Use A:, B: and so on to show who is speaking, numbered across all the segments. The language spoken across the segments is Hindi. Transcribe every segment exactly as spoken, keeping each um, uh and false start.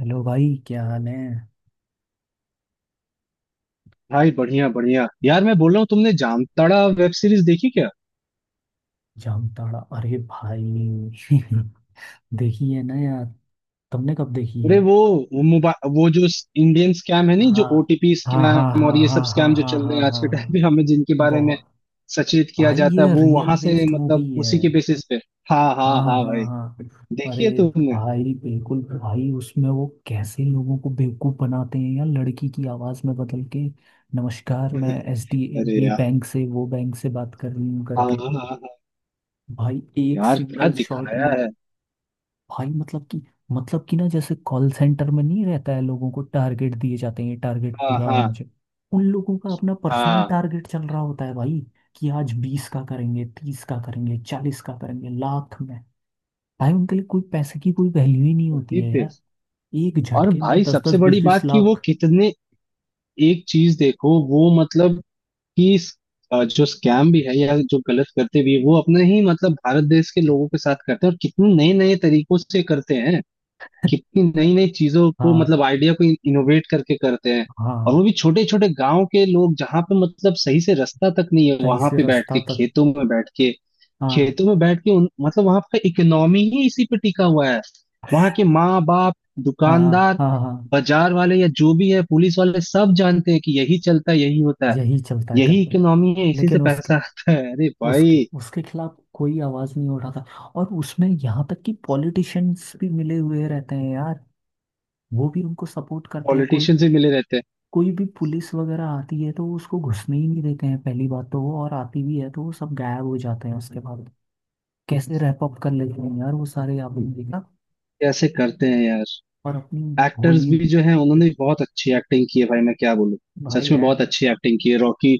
A: हेलो भाई, क्या हाल है।
B: भाई बढ़िया बढ़िया यार, मैं बोल रहा हूँ। तुमने जामताड़ा वेब सीरीज देखी क्या?
A: जामताड़ा? अरे भाई देखी है ना यार। तुमने कब देखी
B: अरे
A: है?
B: वो मोबाइल, वो जो इंडियन स्कैम है नहीं, जो
A: हाँ
B: ओटीपी
A: हाँ हाँ
B: स्कैम और
A: हाँ
B: ये
A: हाँ
B: सब
A: हाँ
B: स्कैम जो
A: हाँ
B: चल रहे
A: हाँ
B: हैं आज के टाइम पे,
A: हाँ।
B: हमें जिनके बारे में
A: बहुत।
B: सचेत किया
A: भाई,
B: जाता है,
A: ये
B: वो
A: रियल
B: वहां से,
A: बेस्ड मूवी
B: मतलब
A: है।
B: उसी के बेसिस पे। हाँ हाँ
A: हाँ
B: हाँ
A: हाँ
B: भाई।
A: हाँ।
B: देखी
A: अरे
B: है तुमने?
A: भाई, बिल्कुल भाई। उसमें वो कैसे लोगों को बेवकूफ बनाते हैं यार, लड़की की आवाज में बदल के। नमस्कार, मैं एसडी,
B: अरे
A: ये
B: यार।
A: बैंक से, वो बैंक से बात कर रही हूँ
B: हाँ
A: करके।
B: हाँ हाँ हाँ।
A: भाई एक
B: यार क्या
A: सिंगल शॉट
B: दिखाया
A: में।
B: है।
A: भाई मतलब कि मतलब कि ना, जैसे कॉल सेंटर में नहीं रहता है, लोगों को टारगेट दिए जाते हैं, टारगेट
B: हाँ
A: पूरा
B: हाँ
A: होना चाहिए। उन लोगों का अपना पर्सनल
B: हाँ।
A: टारगेट चल रहा होता है भाई कि आज बीस का करेंगे, तीस का करेंगे, चालीस का करेंगे लाख में। भाई उनके लिए कोई पैसे की कोई वैल्यू ही नहीं होती
B: वही
A: है
B: पे।
A: यार। एक
B: और
A: झटके में
B: भाई
A: दस
B: सबसे
A: दस बीस
B: बड़ी
A: बीस
B: बात कि वो
A: लाख।
B: कितने, एक चीज देखो वो मतलब कि इस, अ, जो स्कैम भी है या जो गलत करते भी है, वो अपने ही मतलब भारत देश के लोगों के साथ करते हैं, और कितने नए नए तरीकों से करते हैं। कितनी नई नई चीजों को,
A: हाँ
B: मतलब आइडिया को इनोवेट करके करते हैं। और
A: हाँ।
B: वो भी छोटे छोटे गांव के लोग, जहाँ पे मतलब सही से रास्ता तक नहीं है,
A: सही
B: वहां
A: से
B: पे बैठ
A: रास्ता
B: के,
A: तक।
B: खेतों में बैठ के,
A: हाँ
B: खेतों में बैठ के उन, मतलब वहां का इकोनॉमी ही इसी पे टिका हुआ है। वहां के माँ बाप,
A: हाँ हाँ
B: दुकानदार,
A: हाँ हाँ, हाँ, हाँ, हाँ, हाँ।
B: बाजार वाले, या जो भी है पुलिस वाले, सब जानते हैं कि यही चलता है, यही होता है।
A: यही चलता है
B: यही
A: करके।
B: इकोनॉमी है, इसी से
A: लेकिन उसके,
B: पैसा आता है। अरे
A: उसके
B: भाई
A: उसके खिलाफ कोई आवाज नहीं उठाता। और उसमें यहाँ तक कि पॉलिटिशियंस भी मिले हुए रहते हैं यार। वो भी उनको सपोर्ट करते हैं। कोई
B: पॉलिटिशियन से मिले रहते हैं।
A: कोई भी पुलिस वगैरह आती है तो वो उसको घुसने ही नहीं देते हैं पहली बात तो वो, और आती भी है तो वो सब गायब हो जाते हैं उसके बाद। कैसे रैप अप कर लेते हैं यार वो सारे, आपने देखा?
B: कैसे करते हैं यार।
A: और अपनी
B: एक्टर्स
A: भोली।
B: भी जो है उन्होंने भी बहुत अच्छी एक्टिंग की है भाई, मैं क्या बोलूं।
A: भाई
B: सच में
A: एक्ट।
B: बहुत अच्छी एक्टिंग की है। रॉकी,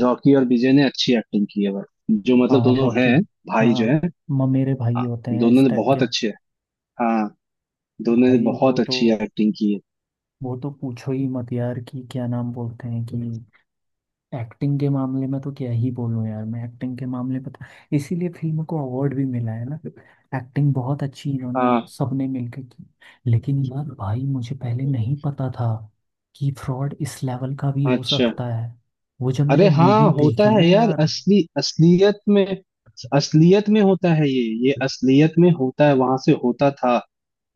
B: रॉकी और विजय ने अच्छी एक्टिंग की है भाई, जो मतलब
A: हाँ
B: दोनों है।
A: रॉकी।
B: भाई जो
A: हाँ
B: है।
A: म- मेरे भाई
B: हाँ,
A: होते हैं
B: दोनों
A: इस
B: ने
A: टाइप के।
B: बहुत अच्छे, हाँ, दोनों ने
A: भाई वो
B: बहुत
A: तो,
B: अच्छी एक्टिंग की है।
A: वो तो पूछो ही मत यार कि क्या नाम बोलते हैं कि। एक्टिंग के मामले में तो क्या ही बोलूं यार। मैं एक्टिंग के मामले में तो इसीलिए फिल्म को अवार्ड भी मिला है ना। एक्टिंग बहुत अच्छी इन्होंने
B: हाँ।
A: सबने मिलकर की। लेकिन यार भाई, मुझे पहले नहीं पता था कि फ्रॉड इस लेवल का भी हो
B: अच्छा।
A: सकता है। वो जब मैंने
B: अरे हाँ,
A: मूवी
B: होता
A: देखी
B: है
A: ना
B: यार,
A: यार।
B: असली असलियत में। असलियत में होता है ये ये असलियत में होता है, वहां से होता था।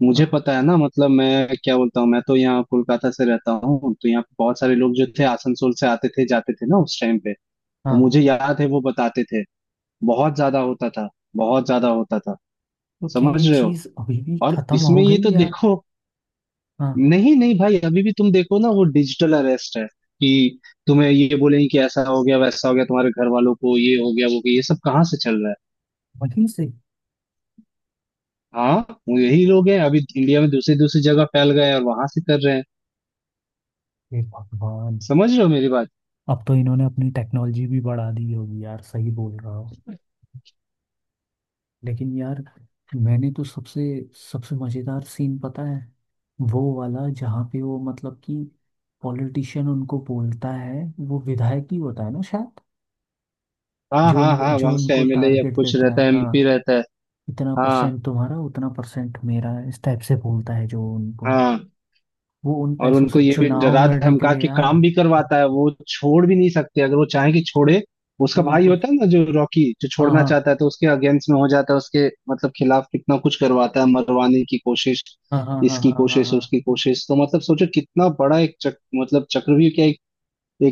B: मुझे
A: हाँ
B: पता है ना, मतलब मैं क्या बोलता हूँ, मैं तो यहाँ कोलकाता से रहता हूँ, तो यहाँ पे बहुत सारे लोग जो थे, आसनसोल से आते थे जाते थे ना उस टाइम पे। तो
A: हाँ।
B: मुझे याद है, वो बताते थे, बहुत ज्यादा होता था, बहुत ज्यादा होता था।
A: तो क्या ये
B: समझ रहे हो।
A: चीज अभी भी
B: और
A: खत्म हो
B: इसमें ये
A: गई
B: तो
A: या?
B: देखो,
A: हाँ।
B: नहीं नहीं भाई, अभी भी तुम देखो ना, वो डिजिटल अरेस्ट है कि तुम्हें ये बोलेंगे कि ऐसा हो गया, वैसा हो गया, तुम्हारे घर वालों को ये हो गया, वो हो गया। ये सब कहाँ से चल रहा है?
A: वहीं से।
B: हाँ, वो यही लोग हैं, अभी इंडिया में दूसरी दूसरी जगह फैल गए और वहां से कर रहे हैं।
A: हे भगवान।
B: समझ रहे हो मेरी बात?
A: अब तो इन्होंने अपनी टेक्नोलॉजी भी बढ़ा दी होगी यार, सही बोल रहा हो। लेकिन यार, मैंने तो सबसे सबसे मजेदार सीन पता है, वो वाला जहाँ पे वो मतलब कि पॉलिटिशियन उनको बोलता है। वो विधायक ही होता है ना शायद,
B: हाँ
A: जो
B: हाँ
A: उन,
B: हाँ,
A: जो
B: वहां का
A: उनको
B: एमएलए या
A: टारगेट
B: कुछ
A: देता
B: रहता
A: है
B: है, एमपी
A: हाँ।
B: रहता है।
A: इतना
B: हाँ
A: परसेंट तुम्हारा, उतना परसेंट मेरा, इस टाइप से बोलता है जो उनको।
B: हाँ।
A: वो उन
B: और
A: पैसों
B: उनको
A: से
B: ये भी
A: चुनाव
B: डरा
A: लड़ने के
B: धमका
A: लिए
B: के काम
A: यार।
B: भी करवाता है, वो छोड़ भी नहीं सकते अगर वो चाहे कि छोड़े। उसका भाई
A: उनको।
B: होता है ना, जो रॉकी, जो
A: हाँ
B: छोड़ना
A: हाँ
B: चाहता है, तो उसके अगेंस्ट में हो जाता है उसके, मतलब खिलाफ कितना कुछ करवाता है, मरवाने की कोशिश,
A: हाँ हाँ हाँ
B: इसकी
A: हाँ हाँ
B: कोशिश,
A: हाँ।
B: उसकी कोशिश। तो मतलब सोचो कितना बड़ा एक चक, मतलब चक्रव्यूह, क्या एक,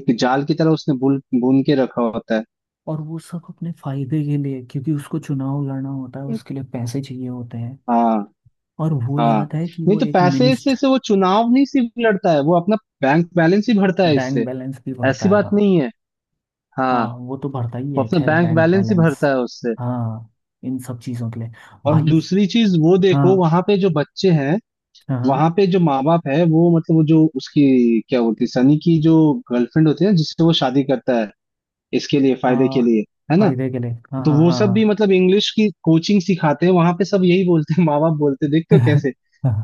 B: एक जाल की तरह उसने बुन बुन के रखा होता है।
A: और वो सब अपने फायदे के लिए, क्योंकि उसको चुनाव लड़ना होता है, उसके लिए पैसे चाहिए होते हैं।
B: हाँ
A: और वो
B: हाँ।
A: याद है कि
B: नहीं
A: वो
B: तो
A: एक
B: पैसे
A: मिनिस्ट।
B: से, से वो चुनाव नहीं सिर्फ लड़ता है, वो अपना बैंक बैलेंस ही भरता है
A: बैंक
B: इससे।
A: बैलेंस भी भरता
B: ऐसी
A: है।
B: बात
A: हाँ
B: नहीं है।
A: हाँ,
B: हाँ,
A: वो तो भरता ही
B: वो
A: है
B: अपना
A: खैर,
B: बैंक
A: बैंक
B: बैलेंस ही भरता
A: बैलेंस।
B: है उससे।
A: हाँ, इन सब चीज़ों के लिए।
B: और
A: भाई।
B: दूसरी चीज वो देखो,
A: हाँ
B: वहां पे जो बच्चे हैं,
A: हाँ हाँ।
B: वहां पे जो माँ बाप है वो, मतलब वो जो उसकी, क्या होती है, सनी की जो गर्लफ्रेंड होती है ना, जिससे वो शादी करता है, इसके लिए,
A: आ,
B: फायदे के लिए, है ना।
A: फायदे के लिए हाँ
B: तो
A: हाँ
B: वो
A: हाँ
B: सब भी
A: हाँ।
B: मतलब इंग्लिश की कोचिंग सिखाते हैं वहां पे, सब यही बोलते हैं, माँ बाप बोलते हैं, देखते हो कैसे,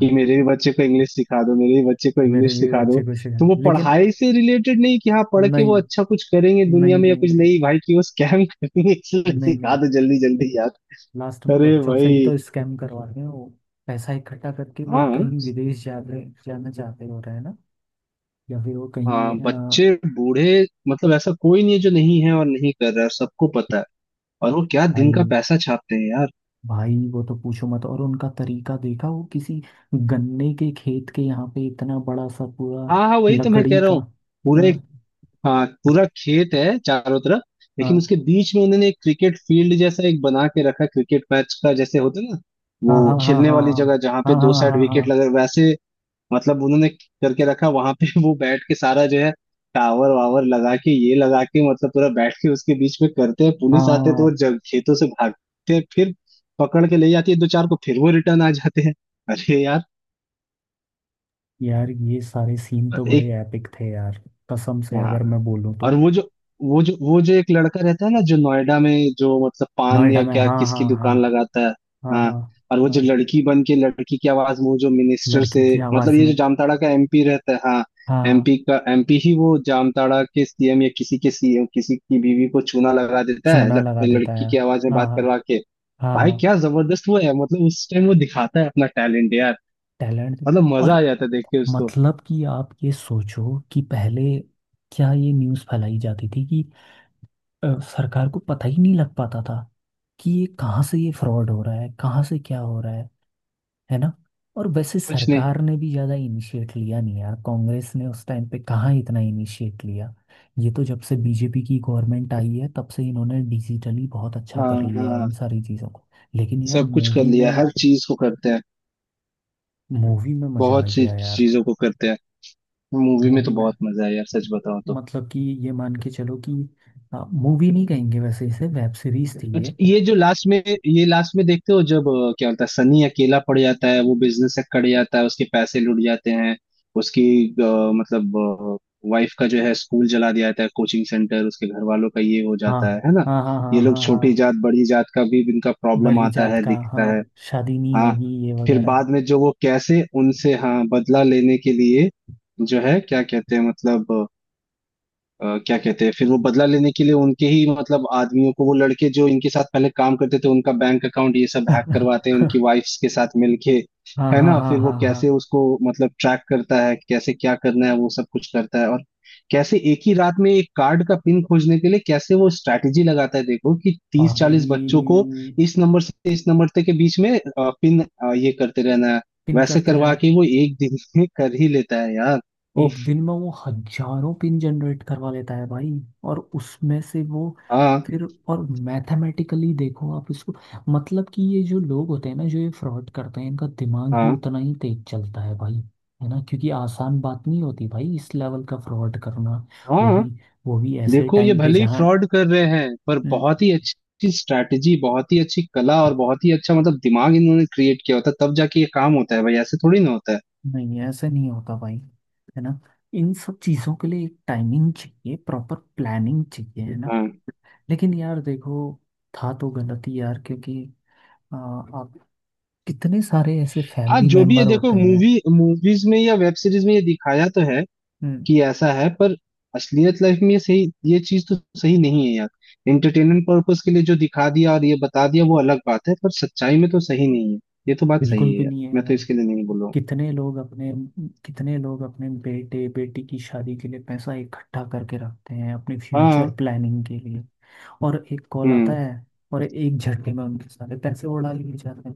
B: कि मेरे भी बच्चे को इंग्लिश सिखा दो, मेरे भी बच्चे को
A: मेरे
B: इंग्लिश
A: भी
B: सिखा दो।
A: बच्चे को इसे
B: तो वो
A: जानते लेकिन
B: पढ़ाई
A: वो-।
B: से रिलेटेड नहीं कि हाँ पढ़ के वो
A: नहीं
B: अच्छा कुछ करेंगे दुनिया
A: नहीं
B: में या
A: नहीं।
B: कुछ
A: नहीं
B: नहीं भाई, कि वो स्कैम करेंगे, इसलिए
A: नहीं
B: सिखा
A: नहीं।
B: दो जल्दी जल्दी।
A: लास्ट में
B: अरे
A: बच्चों से ही
B: भाई।
A: तो स्कैम करवाते हैं वो, पैसा इकट्ठा करके वो
B: हाँ,
A: कहीं विदेश जाते, जाना चाहते हो रहे हैं ना। या फिर वो
B: आ,
A: कहीं आ,
B: बच्चे, बूढ़े, मतलब ऐसा कोई नहीं है जो नहीं है और नहीं कर रहा है, सबको पता है। और वो क्या
A: भाई।
B: दिन का पैसा छापते हैं यार।
A: भाई वो तो पूछो मत, और उनका तरीका देखा वो किसी गन्ने के खेत के यहाँ पे इतना बड़ा सा पूरा
B: हाँ हाँ, वही तो मैं
A: लकड़ी
B: कह रहा
A: का।
B: हूँ। पूरे,
A: हाँ
B: हाँ, पूरा खेत है चारों तरफ, लेकिन
A: हाँ
B: उसके बीच में उन्होंने एक क्रिकेट फील्ड जैसा एक बना के रखा है, क्रिकेट मैच का जैसे होता है ना,
A: हाँ हाँ
B: वो
A: हाँ
B: खेलने
A: हाँ
B: वाली जगह जहाँ पे
A: हाँ
B: दो
A: हाँ
B: साइड
A: हाँ
B: विकेट
A: हाँ
B: लगे, वैसे, मतलब उन्होंने करके रखा वहां पे। वो बैठ के सारा जो है, टावर वावर लगा के, ये लगा के, मतलब पूरा बैठ के उसके बीच में करते हैं। पुलिस आते हैं तो वो
A: हाँ।
B: जग खेतों से भागते हैं, फिर पकड़ के ले जाती है दो चार को, फिर वो रिटर्न आ जाते हैं। अरे
A: यार ये सारे सीन तो बड़े
B: यार।
A: एपिक थे यार, कसम से अगर
B: हाँ,
A: मैं बोलूँ
B: और
A: तो।
B: वो जो, वो जो वो जो एक लड़का रहता है ना, जो नोएडा में, जो मतलब पान
A: नोएडा
B: या
A: में
B: क्या
A: हाँ हाँ
B: किसकी
A: हाँ।
B: दुकान लगाता है।
A: हाँ
B: हाँ,
A: हाँ
B: और वो जो
A: हाँ।
B: लड़की बन के, लड़की की आवाज में वो जो मिनिस्टर से,
A: लड़की की
B: मतलब
A: आवाज़
B: ये
A: में
B: जो जामताड़ा का एमपी रहता है हाँ,
A: हाँ हाँ।
B: एमपी का एमपी ही वो जामताड़ा के सीएम या किसी के सीएम किसी की बीवी को चूना लगा देता है,
A: चूना लगा
B: लड़-
A: देता
B: लड़की
A: है
B: की आवाज में
A: हाँ
B: बात
A: हाँ
B: करवा के।
A: हाँ
B: भाई
A: हाँ।
B: क्या जबरदस्त वो है, मतलब उस टाइम वो दिखाता है अपना टैलेंट यार।
A: टैलेंट।
B: मतलब मजा आ
A: और
B: जाता है देख के उसको।
A: मतलब कि आप ये सोचो कि पहले क्या ये न्यूज़ फैलाई जाती थी कि अ, सरकार को पता ही नहीं लग पाता था कि ये कहाँ से ये फ्रॉड हो रहा है, कहाँ से क्या हो रहा है है ना। और वैसे
B: कुछ नहीं।
A: सरकार ने भी ज़्यादा इनिशिएट लिया नहीं यार, कांग्रेस ने उस टाइम पे कहाँ इतना इनिशिएट लिया। ये तो जब से बीजेपी की गवर्नमेंट आई है तब से इन्होंने डिजिटली बहुत अच्छा
B: हाँ
A: कर लिया है
B: हाँ,
A: इन सारी चीज़ों को। लेकिन यार
B: सब कुछ कर
A: मूवी
B: लिया,
A: में
B: हर चीज को करते हैं।
A: मूवी में मज़ा आ
B: बहुत सी
A: गया यार।
B: चीजों को करते हैं। मूवी में तो
A: मूवी में
B: बहुत मजा आया यार, सच बताओ तो।
A: मतलब कि ये मान के चलो कि मूवी नहीं कहेंगे, वैसे इसे वेब सीरीज थी
B: अच्छा,
A: ये।
B: ये जो लास्ट में, ये लास्ट में देखते हो जब अ, क्या होता है, सनी अकेला पड़ जाता है, वो बिजनेस से कट जाता है, उसके पैसे लुट जाते हैं, उसकी, अ, मतलब वाइफ का जो है स्कूल जला दिया जाता है, कोचिंग सेंटर, उसके घर वालों का ये हो
A: हाँ
B: जाता है है ना।
A: हाँ हाँ हाँ
B: ये लोग
A: हाँ
B: छोटी
A: हाँ।
B: जात बड़ी जात का भी इनका प्रॉब्लम
A: बड़ी
B: आता
A: जात
B: है,
A: का
B: दिखता
A: हाँ,
B: है।
A: शादी नहीं
B: हाँ,
A: होगी ये
B: फिर
A: वगैरह।
B: बाद में जो वो कैसे उनसे, हाँ, बदला लेने के लिए, जो है, क्या कहते हैं मतलब, अ, क्या कहते हैं, फिर वो बदला लेने के लिए उनके ही मतलब आदमियों को, वो लड़के जो इनके साथ पहले काम करते थे, उनका बैंक अकाउंट ये सब हैक करवाते हैं उनकी वाइफ्स के साथ मिलके,
A: हाँ
B: है
A: हाँ
B: ना।
A: हाँ
B: फिर वो
A: हाँ हाँ।
B: कैसे उसको मतलब ट्रैक करता है, कैसे क्या करना है वो सब कुछ करता है, और कैसे एक ही रात में एक कार्ड का पिन खोजने के लिए कैसे वो स्ट्रैटेजी लगाता है, देखो कि तीस
A: भाई।
B: चालीस बच्चों को, इस नंबर से इस नंबर तक के बीच में पिन, ये करते रहना है,
A: पिन
B: वैसे
A: करते
B: करवा
A: रहे।
B: के वो एक दिन में कर ही लेता है यार।
A: एक
B: उफ।
A: दिन में वो हजारों पिन जनरेट करवा लेता है भाई। और उसमें से वो,
B: हाँ
A: फिर, और मैथमेटिकली देखो आप इसको। मतलब कि ये जो लोग होते हैं ना, जो ये फ्रॉड करते हैं, इनका दिमाग भी
B: हाँ
A: उतना ही तेज चलता है भाई, है ना, क्योंकि आसान बात नहीं होती भाई, इस लेवल का फ्रॉड करना। वो
B: हाँ।
A: भी वो भी ऐसे
B: देखो ये
A: टाइम पे
B: भले ही
A: जहाँ।
B: फ्रॉड कर रहे हैं, पर
A: न-
B: बहुत ही अच्छी स्ट्रैटेजी, बहुत ही अच्छी कला और बहुत ही अच्छा मतलब दिमाग इन्होंने क्रिएट किया होता है, तब जाके ये काम होता है भाई, ऐसे थोड़ी ना होता है।
A: नहीं ऐसे नहीं होता भाई, है ना। इन सब चीज़ों के लिए एक टाइमिंग चाहिए, प्रॉपर प्लानिंग चाहिए, है ना।
B: हाँ,
A: लेकिन यार देखो, था तो गलत ही यार, क्योंकि आ, आप कितने सारे ऐसे
B: हाँ
A: फैमिली
B: जो भी है,
A: मेंबर
B: देखो
A: होते हैं।
B: मूवी मूवीज में या वेब सीरीज में ये दिखाया तो है
A: हम्म,
B: कि ऐसा है, पर असलियत लाइफ में ये सही, ये चीज तो सही नहीं है यार। एंटरटेनमेंट पर्पस के लिए जो दिखा दिया और ये बता दिया वो अलग बात है, पर सच्चाई में तो सही नहीं है। ये तो बात
A: बिल्कुल
B: सही है
A: भी
B: यार,
A: नहीं
B: मैं
A: है
B: तो
A: यार।
B: इसके लिए नहीं बोल रहा हूँ।
A: कितने लोग अपने, कितने लोग अपने बेटे बेटी की शादी के लिए पैसा इकट्ठा करके रखते हैं, अपने
B: हाँ।
A: फ्यूचर प्लानिंग के लिए। और एक कॉल आता
B: हम्म।
A: है और एक झटके में उनके सारे पैसे उड़ा लिए जाते हैं।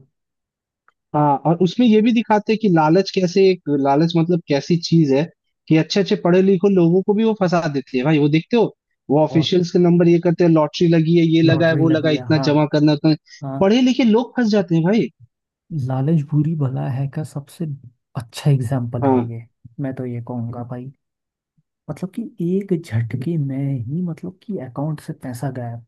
B: हाँ, और उसमें ये भी दिखाते हैं कि लालच कैसे, एक लालच मतलब कैसी चीज है, कि अच्छे अच्छे पढ़े लिखे लोगों को भी वो फंसा देती है भाई, वो देखते हो। वो
A: और
B: ऑफिशियल्स के नंबर ये करते हैं, लॉटरी लगी है, ये लगा है,
A: लॉटरी
B: वो लगा
A: लगी
B: है,
A: है
B: इतना
A: हाँ
B: जमा करना है, उतना।
A: हाँ।
B: पढ़े लिखे लोग फंस जाते हैं भाई।
A: लालच बुरी भला है का सबसे अच्छा एग्जाम्पल है
B: हाँ
A: ये। मैं तो ये कहूँगा भाई, मतलब कि एक झटके में ही मतलब कि अकाउंट से पैसा गायब,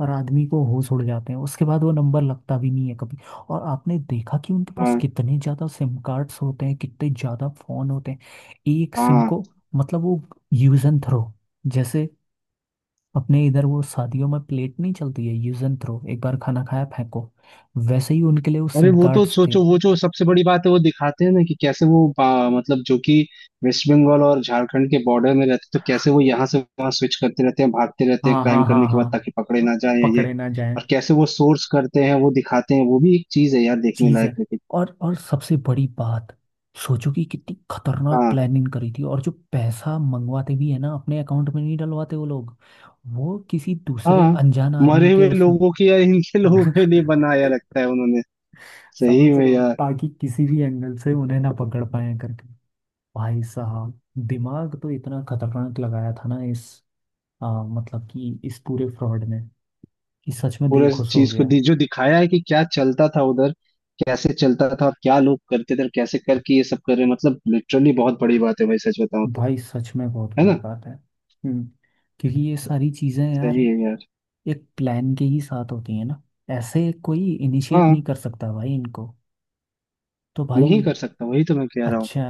A: और आदमी को होश उड़ जाते हैं, उसके बाद वो नंबर लगता भी नहीं है कभी। और आपने देखा कि उनके पास
B: हाँ
A: कितने ज़्यादा सिम कार्ड्स होते हैं, कितने ज़्यादा फ़ोन होते हैं। एक सिम
B: हाँ।
A: को मतलब, वो यूज एंड थ्रो जैसे। अपने इधर वो शादियों में प्लेट नहीं चलती है यूज एंड थ्रो, एक बार खाना खाया फेंको, वैसे ही उनके लिए वो
B: अरे
A: सिम
B: वो तो
A: कार्ड्स थे।
B: सोचो, वो जो सबसे बड़ी बात है वो दिखाते हैं ना, कि कैसे वो आ, मतलब जो कि वेस्ट बंगाल और झारखंड के बॉर्डर में रहते, तो कैसे वो यहाँ से वहां स्विच करते रहते हैं, भागते रहते हैं
A: हाँ
B: क्राइम
A: हाँ
B: करने
A: हाँ
B: के
A: हाँ
B: बाद, ताकि पकड़े
A: हाँ,
B: ना जाए ये।
A: पकड़े ना जाए।
B: और कैसे वो सोर्स करते हैं वो दिखाते हैं, वो भी एक चीज है यार देखने
A: चीज
B: लायक,
A: है।
B: लेकिन।
A: और और सबसे बड़ी बात, सोचो कि कितनी खतरनाक
B: हाँ
A: प्लानिंग करी थी, और जो पैसा मंगवाते भी है ना, अपने अकाउंट में नहीं डलवाते वो लोग, वो किसी दूसरे
B: हाँ,
A: अनजान आदमी
B: मरे
A: के
B: हुए
A: उसमें।
B: लोगों की यार इनके लोगों के लिए बनाया रखता है उन्होंने। सही
A: समझ
B: में
A: रहे हो,
B: यार।
A: ताकि किसी भी एंगल से उन्हें ना पकड़ पाए करके। भाई साहब, दिमाग तो इतना खतरनाक लगाया था ना इस आ, मतलब कि इस पूरे फ्रॉड ने, कि सच में दिल
B: पूरे
A: खुश हो
B: चीज को
A: गया।
B: दी जो दिखाया है कि क्या चलता था उधर, कैसे चलता था और क्या लोग करते थे और कैसे करके ये सब कर रहे हैं, मतलब लिटरली बहुत बड़ी बात है भाई, सच बताऊं तो।
A: भाई सच में बहुत
B: है
A: बड़ी
B: ना।
A: बात है। हम्म क्योंकि ये सारी चीजें यार
B: सही है यार।
A: एक प्लान के ही साथ होती है ना, ऐसे कोई इनिशिएट
B: हाँ,
A: नहीं कर सकता भाई इनको। तो भाई,
B: नहीं कर सकता, वही तो मैं कह रहा हूँ।
A: अच्छा,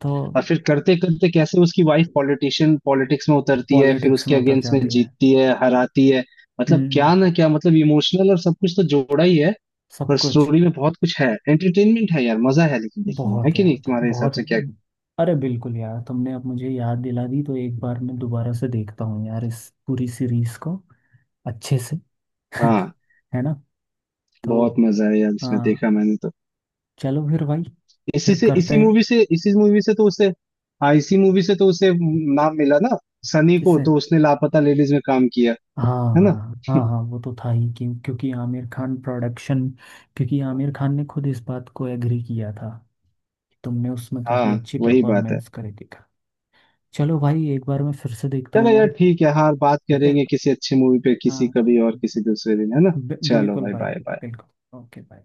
A: तो
B: और फिर करते करते कैसे उसकी वाइफ पॉलिटिशियन, पॉलिटिक्स में उतरती है, फिर
A: पॉलिटिक्स
B: उसके
A: में उतर
B: अगेंस्ट में
A: जाती है।
B: जीतती है, हराती है। मतलब
A: हम्म।
B: क्या ना क्या, मतलब इमोशनल और सब कुछ तो जोड़ा ही है।
A: सब
B: पर
A: कुछ।
B: स्टोरी में बहुत कुछ है, एंटरटेनमेंट है यार, मजा है। लेकिन देखने में है
A: बहुत है
B: कि
A: यार,
B: नहीं तुम्हारे हिसाब
A: बहुत है।
B: से, क्या?
A: अरे बिल्कुल यार, तुमने अब मुझे याद दिला दी तो एक बार मैं दोबारा से देखता हूँ यार इस पूरी सीरीज को, अच्छे से।
B: हाँ।
A: है ना। तो
B: बहुत मजा है यार इसमें,
A: हाँ,
B: देखा मैंने तो।
A: चलो फिर भाई,
B: इसी
A: फिर
B: से,
A: करते
B: इसी
A: हैं।
B: मूवी से, इसी मूवी से तो उसे, हाँ, इसी मूवी से तो उसे नाम मिला ना। सनी को,
A: किससे?
B: तो उसने लापता लेडीज में काम किया,
A: हाँ
B: है ना।
A: हाँ हाँ हाँ, वो तो था ही क्यों, क्योंकि आमिर खान प्रोडक्शन। क्योंकि आमिर खान ने खुद इस बात को एग्री किया था, तुमने उसमें
B: हाँ,
A: काफ़ी अच्छी
B: वही बात है।
A: परफॉर्मेंस करी दिखा। चलो भाई, एक बार मैं फिर से देखता
B: चलो
A: हूँ
B: यार
A: यार।
B: ठीक है, हाँ, बात
A: ठीक है
B: करेंगे किसी अच्छी मूवी पे, किसी
A: हाँ,
B: कभी और, किसी दूसरे दिन, है ना।
A: बि-
B: चलो
A: बिल्कुल
B: भाई,
A: भाई,
B: बाय बाय।
A: बिल्कुल, ओके भाई।